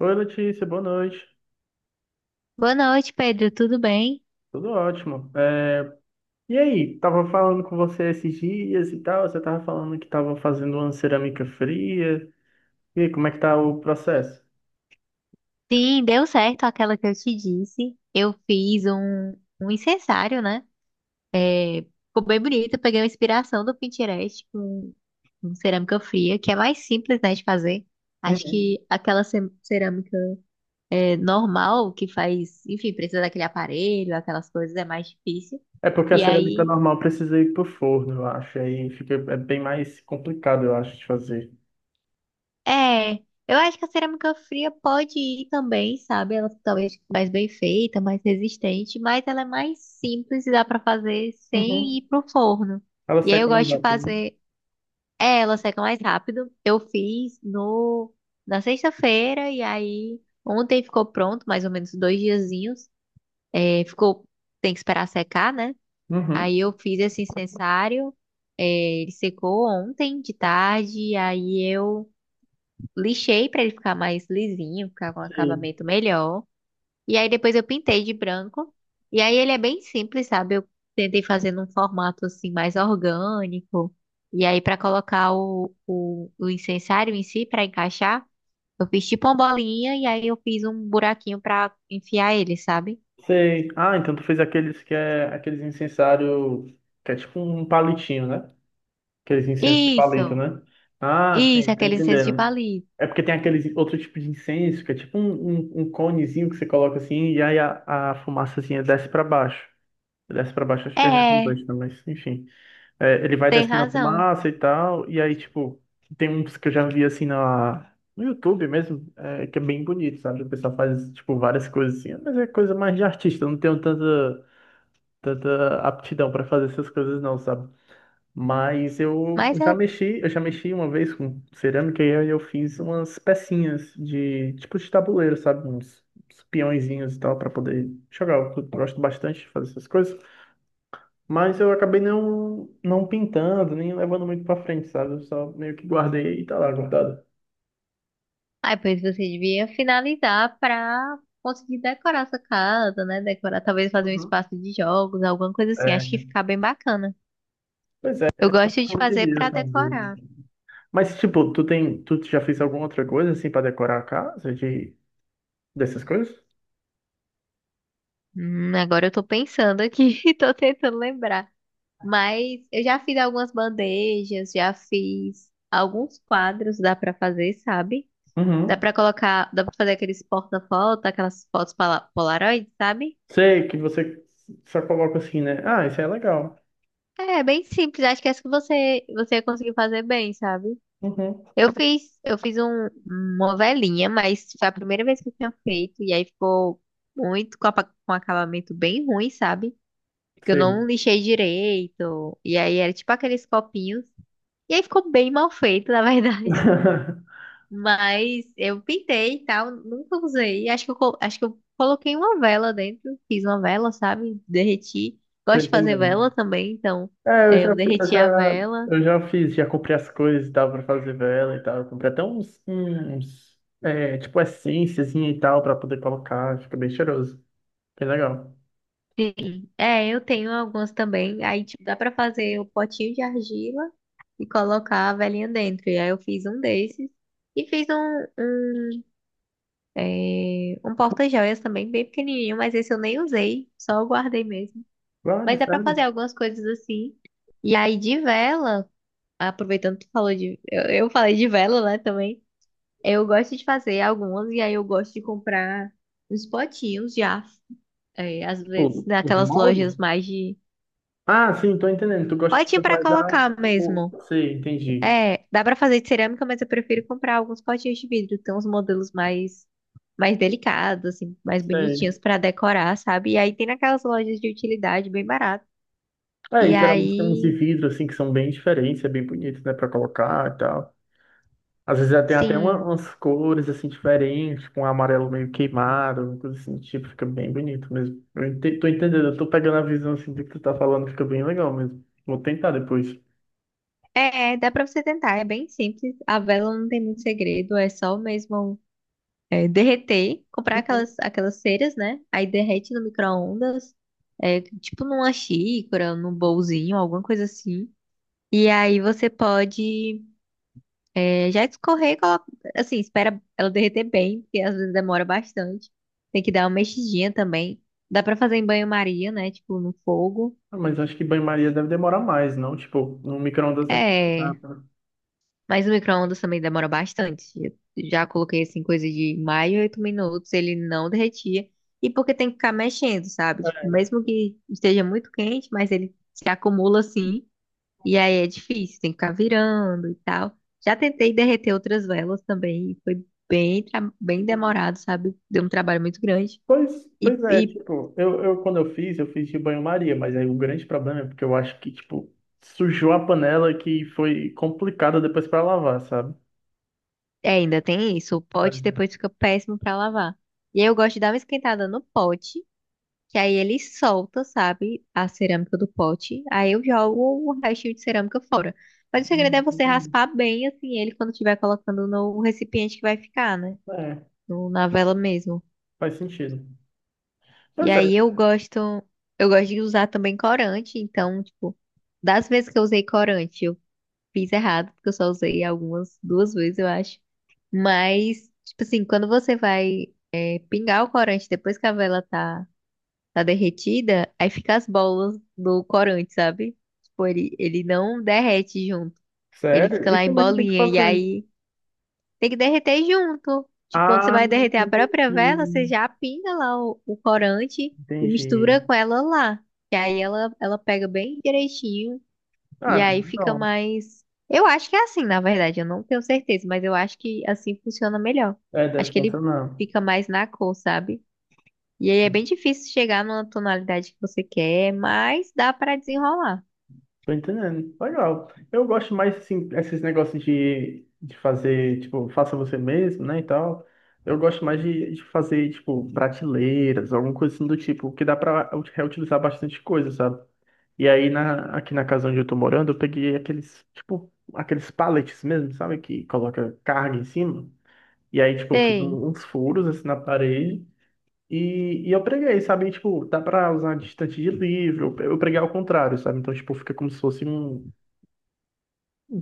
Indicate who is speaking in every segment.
Speaker 1: Oi, Letícia, boa noite.
Speaker 2: Boa noite, Pedro. Tudo bem?
Speaker 1: Tudo ótimo. E aí, tava falando com você esses dias e tal, você tava falando que tava fazendo uma cerâmica fria. E aí, como é que tá o processo?
Speaker 2: Sim, deu certo aquela que eu te disse. Eu fiz um incensário, né? É, ficou bem bonito. Eu peguei uma inspiração do Pinterest com cerâmica fria, que é mais simples, né, de fazer. Acho
Speaker 1: Uhum.
Speaker 2: que aquela cerâmica normal que faz, enfim, precisa daquele aparelho, aquelas coisas, é mais difícil.
Speaker 1: É porque a
Speaker 2: E
Speaker 1: cerâmica
Speaker 2: aí
Speaker 1: normal precisa ir pro forno, eu acho. Aí fica é bem mais complicado, eu acho, de fazer.
Speaker 2: É, eu acho que a cerâmica fria pode ir também, sabe? Ela talvez mais bem feita, mais resistente, mas ela é mais simples e dá pra fazer sem
Speaker 1: Uhum.
Speaker 2: ir pro forno.
Speaker 1: Ela
Speaker 2: E aí eu
Speaker 1: seca mais
Speaker 2: gosto de
Speaker 1: rápido, né?
Speaker 2: fazer, ela seca mais rápido. Eu fiz no na sexta-feira e aí ontem ficou pronto, mais ou menos dois diazinhos. É, ficou, tem que esperar secar, né?
Speaker 1: Uhum.
Speaker 2: Aí eu fiz esse incensário, é, ele secou ontem de tarde, e aí eu lixei pra ele ficar mais lisinho, ficar com um
Speaker 1: Sei.
Speaker 2: acabamento melhor. E aí depois eu pintei de branco. E aí ele é bem simples, sabe? Eu tentei fazer num formato assim mais orgânico. E aí pra colocar o incensário em si pra encaixar, eu fiz tipo uma bolinha e aí eu fiz um buraquinho pra enfiar ele, sabe?
Speaker 1: Sei. Ah, então tu fez aqueles que é aqueles incensário que é tipo um palitinho, né? Aqueles incensos de palito,
Speaker 2: Isso.
Speaker 1: né? Ah,
Speaker 2: Isso,
Speaker 1: sim, tô
Speaker 2: aquele incenso de
Speaker 1: entendendo.
Speaker 2: palito.
Speaker 1: É porque tem aqueles outro tipo de incenso, que é tipo um conezinho que você coloca assim, e aí a fumaçazinha desce para baixo. Desce para baixo, acho que é
Speaker 2: É,
Speaker 1: redundante, né? Mas enfim. É, ele vai
Speaker 2: tem
Speaker 1: descendo a
Speaker 2: razão.
Speaker 1: fumaça e tal, e aí, tipo, tem uns que eu já vi assim no YouTube mesmo, é, que é bem bonito, sabe? O pessoal faz, tipo, várias coisas assim, mas é coisa mais de artista, eu não tenho tanta, tanta aptidão para fazer essas coisas, não, sabe? Mas
Speaker 2: Mas é.
Speaker 1: eu já mexi uma vez com cerâmica e aí eu fiz umas pecinhas de tipo de tabuleiro, sabe? Uns, uns peõezinhos e tal para poder jogar. Eu gosto bastante de fazer essas coisas, mas eu acabei não pintando, nem levando muito para frente, sabe? Eu só meio que guardei e tá lá guardado.
Speaker 2: Aí, pois você devia finalizar pra conseguir decorar sua casa, né? Decorar, talvez fazer um
Speaker 1: Uhum.
Speaker 2: espaço de jogos, alguma coisa assim. Acho que
Speaker 1: É,
Speaker 2: fica bem bacana.
Speaker 1: Pois é,
Speaker 2: Eu gosto de
Speaker 1: eu
Speaker 2: fazer pra
Speaker 1: queria fazer.
Speaker 2: decorar.
Speaker 1: Mas tipo, tu tem, tu já fez alguma outra coisa assim para decorar a casa de dessas coisas?
Speaker 2: Agora eu tô pensando aqui e tô tentando lembrar. Mas eu já fiz algumas bandejas, já fiz alguns quadros, dá pra fazer, sabe? Dá
Speaker 1: Uhum.
Speaker 2: pra colocar, dá pra fazer aqueles porta-foto, aquelas fotos Polaroid, sabe?
Speaker 1: Sei que você só coloca assim, né? Ah, isso é legal.
Speaker 2: É, bem simples. Acho que essa que você ia conseguir fazer bem, sabe?
Speaker 1: Uhum,
Speaker 2: Uma velhinha, mas foi a primeira vez que eu tinha feito, e aí ficou muito com acabamento bem ruim, sabe? Que eu
Speaker 1: sei.
Speaker 2: não lixei direito, e aí era tipo aqueles copinhos, e aí ficou bem mal feito, na verdade. Mas eu pintei e tal, nunca usei. Acho acho que eu coloquei uma vela dentro, fiz uma vela, sabe? Derreti.
Speaker 1: Tô
Speaker 2: Gosto de fazer
Speaker 1: entendendo.
Speaker 2: vela também, então
Speaker 1: É, eu já,
Speaker 2: eu
Speaker 1: eu
Speaker 2: derreti a
Speaker 1: já,
Speaker 2: vela.
Speaker 1: eu já fiz, já comprei as coisas, dava pra fazer vela e tal. Eu comprei até uns, é, tipo, essênciazinha e tal pra poder colocar. Fica bem cheiroso. Bem legal.
Speaker 2: Sim, é, eu tenho alguns também. Aí, tipo, dá pra fazer o potinho de argila e colocar a velhinha dentro. E aí eu fiz um desses e fiz um porta-joias também, bem pequenininho, mas esse eu nem usei, só eu guardei mesmo.
Speaker 1: Vale,
Speaker 2: Mas dá pra
Speaker 1: sério?
Speaker 2: fazer algumas coisas assim. E aí, de vela, aproveitando que tu falou de. Eu falei de vela, né, também. Eu gosto de fazer algumas e aí eu gosto de comprar uns potinhos já. É, às vezes
Speaker 1: Tipo, os
Speaker 2: naquelas lojas
Speaker 1: moldes?
Speaker 2: mais de.
Speaker 1: Ah, sim, tô entendendo. Tu gosta de
Speaker 2: Potinho pra
Speaker 1: comprar já
Speaker 2: colocar
Speaker 1: o...
Speaker 2: mesmo.
Speaker 1: Sei, entendi.
Speaker 2: É, dá pra fazer de cerâmica, mas eu prefiro comprar alguns potinhos de vidro. Tem uns modelos mais delicados, assim, mais
Speaker 1: Sei.
Speaker 2: bonitinhos pra decorar, sabe? E aí tem naquelas lojas de utilidade bem barato.
Speaker 1: É,
Speaker 2: E
Speaker 1: e geralmente tem uns de
Speaker 2: aí,
Speaker 1: vidro, assim, que são bem diferentes, é bem bonito, né, pra colocar e tal. Às vezes já tem até uma-
Speaker 2: sim,
Speaker 1: umas cores assim diferentes, com um amarelo meio queimado, uma coisa assim, tipo, fica bem bonito mesmo. Eu ente- tô entendendo, eu tô pegando a visão assim do que tu tá falando, fica bem legal mesmo. Vou tentar depois.
Speaker 2: é, dá pra você tentar. É bem simples. A vela não tem muito segredo. É só mesmo derreter, comprar
Speaker 1: Uhum.
Speaker 2: aquelas ceras, né? Aí derrete no micro-ondas, tipo numa xícara, num bolzinho, alguma coisa assim. E aí você pode. É, já escorrer, e coloca, assim, espera ela derreter bem, porque às vezes demora bastante. Tem que dar uma mexidinha também. Dá pra fazer em banho-maria, né? Tipo, no fogo.
Speaker 1: Ah, mas acho que banho-maria deve demorar mais, não? Tipo, no micro-ondas deve ficar
Speaker 2: É,
Speaker 1: rápido.
Speaker 2: mas o micro-ondas também demora bastante. Eu já coloquei, assim, coisa de mais de 8 minutos, ele não derretia. E porque tem que ficar mexendo, sabe? Tipo,
Speaker 1: É.
Speaker 2: mesmo que esteja muito quente, mas ele se acumula, assim. E aí é difícil, tem que ficar virando e tal. Já tentei derreter outras velas também, e foi bem, bem
Speaker 1: Uhum.
Speaker 2: demorado, sabe? Deu um trabalho muito grande. E,
Speaker 1: Pois é,
Speaker 2: e
Speaker 1: tipo, eu quando eu fiz de banho-maria, mas aí o grande problema é porque eu acho que, tipo, sujou a panela que foi complicada depois pra lavar, sabe?
Speaker 2: é, ainda tem isso, o
Speaker 1: É.
Speaker 2: pote depois fica péssimo pra lavar. E aí eu gosto de dar uma esquentada no pote, que aí ele solta, sabe, a cerâmica do pote. Aí eu jogo o restinho de cerâmica fora. Mas o segredo é
Speaker 1: Não
Speaker 2: você
Speaker 1: tem
Speaker 2: raspar bem, assim, ele quando estiver colocando no recipiente que vai ficar, né?
Speaker 1: não.
Speaker 2: Na vela mesmo.
Speaker 1: Faz sentido.
Speaker 2: E
Speaker 1: Pois
Speaker 2: aí
Speaker 1: é.
Speaker 2: eu gosto, eu gosto de usar também corante, então, tipo, das vezes que eu usei corante, eu fiz errado, porque eu só usei algumas, duas vezes, eu acho. Mas, tipo assim, quando você vai pingar o corante depois que a tá derretida, aí fica as bolas do corante, sabe? Tipo, ele não derrete junto. Ele fica
Speaker 1: Sério? E
Speaker 2: lá em
Speaker 1: como é que tem que
Speaker 2: bolinha, e
Speaker 1: fazer?
Speaker 2: aí tem que derreter junto. Tipo, quando você
Speaker 1: Ah,
Speaker 2: vai derreter a própria vela, você
Speaker 1: entendi.
Speaker 2: já pinga lá o corante e mistura
Speaker 1: Entendi.
Speaker 2: com ela lá. Que aí ela pega bem direitinho e
Speaker 1: Ah, bem
Speaker 2: aí fica
Speaker 1: legal.
Speaker 2: mais. Eu acho que é assim, na verdade, eu não tenho certeza, mas eu acho que assim funciona melhor.
Speaker 1: É,
Speaker 2: Acho
Speaker 1: deve
Speaker 2: que ele
Speaker 1: funcionar.
Speaker 2: fica mais na cor, sabe? E aí é bem difícil chegar numa tonalidade que você quer, mas dá pra desenrolar.
Speaker 1: Tô entendendo. Legal. Eu gosto mais, assim, esses negócios de fazer, tipo, faça você mesmo, né, e tal. Eu gosto mais de fazer, tipo, prateleiras, alguma coisa assim do tipo, que dá pra reutilizar bastante coisa, sabe? E aí, na, aqui na casa onde eu tô morando, eu peguei aqueles, tipo, aqueles pallets mesmo, sabe? Que coloca carga em cima. E aí, tipo, eu fiz
Speaker 2: Sei.
Speaker 1: um- uns furos assim na parede. E eu preguei, sabe? E, tipo, dá pra usar distante de livro. Eu preguei ao contrário, sabe? Então, tipo, fica como se fosse um.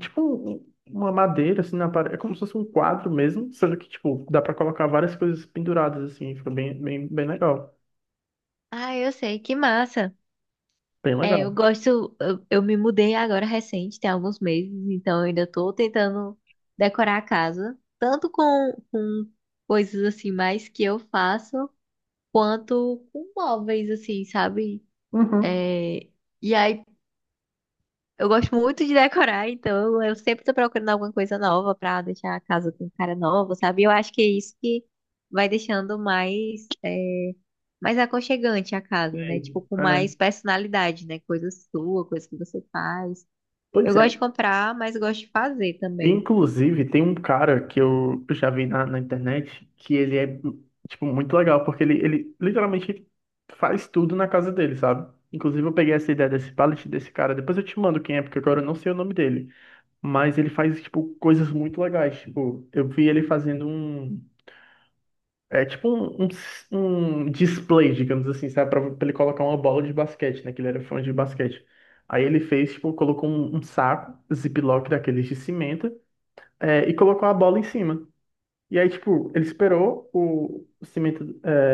Speaker 1: Tipo, um- um, uma madeira assim na parede. É como se fosse um quadro mesmo. Sendo que, tipo, dá pra colocar várias coisas penduradas assim. Fica bem, legal.
Speaker 2: Ah, eu sei, que massa.
Speaker 1: Bem
Speaker 2: É, eu
Speaker 1: legal.
Speaker 2: gosto. Eu me mudei agora recente, tem alguns meses, então eu ainda tô tentando decorar a casa, tanto com coisas assim mais que eu faço, quanto com móveis, assim, sabe?
Speaker 1: Uhum.
Speaker 2: É, e aí eu gosto muito de decorar, então eu sempre tô procurando alguma coisa nova pra deixar a casa com cara nova, sabe? Eu acho que é isso que vai deixando mais, é, mais aconchegante a casa,
Speaker 1: É.
Speaker 2: né? Tipo, com
Speaker 1: É.
Speaker 2: mais personalidade, né? Coisa sua, coisa que você faz. Eu
Speaker 1: Pois é.
Speaker 2: gosto de comprar, mas gosto de fazer também.
Speaker 1: Inclusive, tem um cara que eu já vi na internet que ele é, tipo, muito legal, porque ele literalmente faz tudo na casa dele, sabe? Inclusive, eu peguei essa ideia desse pallet desse cara, depois eu te mando quem é, porque agora eu não sei o nome dele. Mas ele faz, tipo, coisas muito legais. Tipo, eu vi ele fazendo um. É tipo um display, digamos assim, sabe? Pra ele colocar uma bola de basquete, né? Que ele era fã de basquete. Aí ele fez, tipo, colocou um saco, ziploc daqueles de cimento é, e colocou a bola em cima. E aí, tipo, ele esperou o cimento é,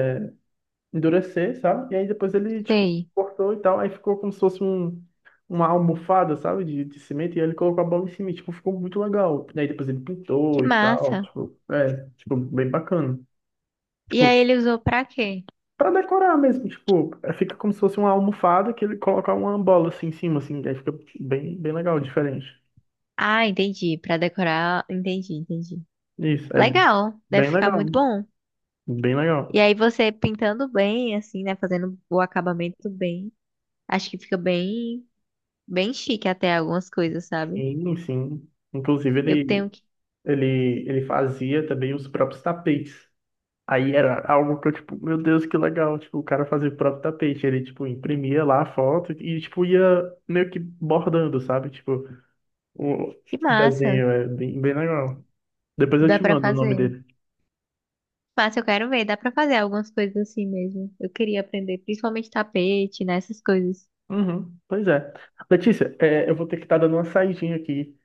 Speaker 1: endurecer, sabe? E aí depois ele, tipo,
Speaker 2: Sei.
Speaker 1: cortou e tal. Aí ficou como se fosse um, uma almofada, sabe? De cimento. E aí ele colocou a bola em cima. E, tipo, ficou muito legal. E aí depois ele
Speaker 2: Que
Speaker 1: pintou e tal.
Speaker 2: massa.
Speaker 1: Tipo, é, tipo, bem bacana.
Speaker 2: E
Speaker 1: Tipo,
Speaker 2: aí ele usou pra quê?
Speaker 1: pra decorar mesmo. Tipo, é, fica como se fosse uma almofada que ele coloca uma bola assim em cima, assim. Aí fica bem, bem legal, diferente.
Speaker 2: Ah, entendi. Pra decorar. Entendi, entendi.
Speaker 1: Isso, é
Speaker 2: Legal. Deve
Speaker 1: bem
Speaker 2: ficar muito
Speaker 1: legal.
Speaker 2: bom.
Speaker 1: Bem
Speaker 2: E
Speaker 1: legal.
Speaker 2: aí você pintando bem, assim, né? Fazendo o acabamento bem. Acho que fica bem, bem chique até algumas coisas, sabe?
Speaker 1: Sim, sim. Inclusive,
Speaker 2: Eu
Speaker 1: ele
Speaker 2: tenho que.
Speaker 1: Ele fazia também os próprios tapetes. Aí era algo que eu, tipo, meu Deus, que legal. Tipo, o cara fazia o próprio tapete. Ele, tipo, imprimia lá a foto e, tipo, ia meio que bordando, sabe? Tipo, o
Speaker 2: Que massa.
Speaker 1: desenho é bem, bem legal. Depois eu
Speaker 2: Dá
Speaker 1: te
Speaker 2: pra
Speaker 1: mando o nome
Speaker 2: fazer.
Speaker 1: dele.
Speaker 2: Massa, eu quero ver. Dá pra fazer algumas coisas assim mesmo. Eu queria aprender, principalmente tapete, né? Essas coisas
Speaker 1: Uhum, pois é. Letícia, é, eu vou ter que estar dando uma saidinha aqui.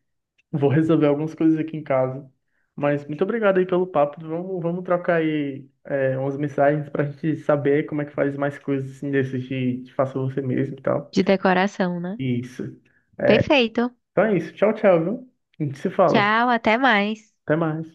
Speaker 1: Vou resolver algumas coisas aqui em casa. Mas muito obrigado aí pelo papo. Vamos, vamos trocar aí é, umas mensagens para a gente saber como é que faz mais coisas assim desses de faça você mesmo e tal.
Speaker 2: de decoração, né?
Speaker 1: Isso. É,
Speaker 2: Perfeito.
Speaker 1: então é isso. Tchau, tchau, viu? A gente se fala.
Speaker 2: Tchau, até mais.
Speaker 1: Até mais.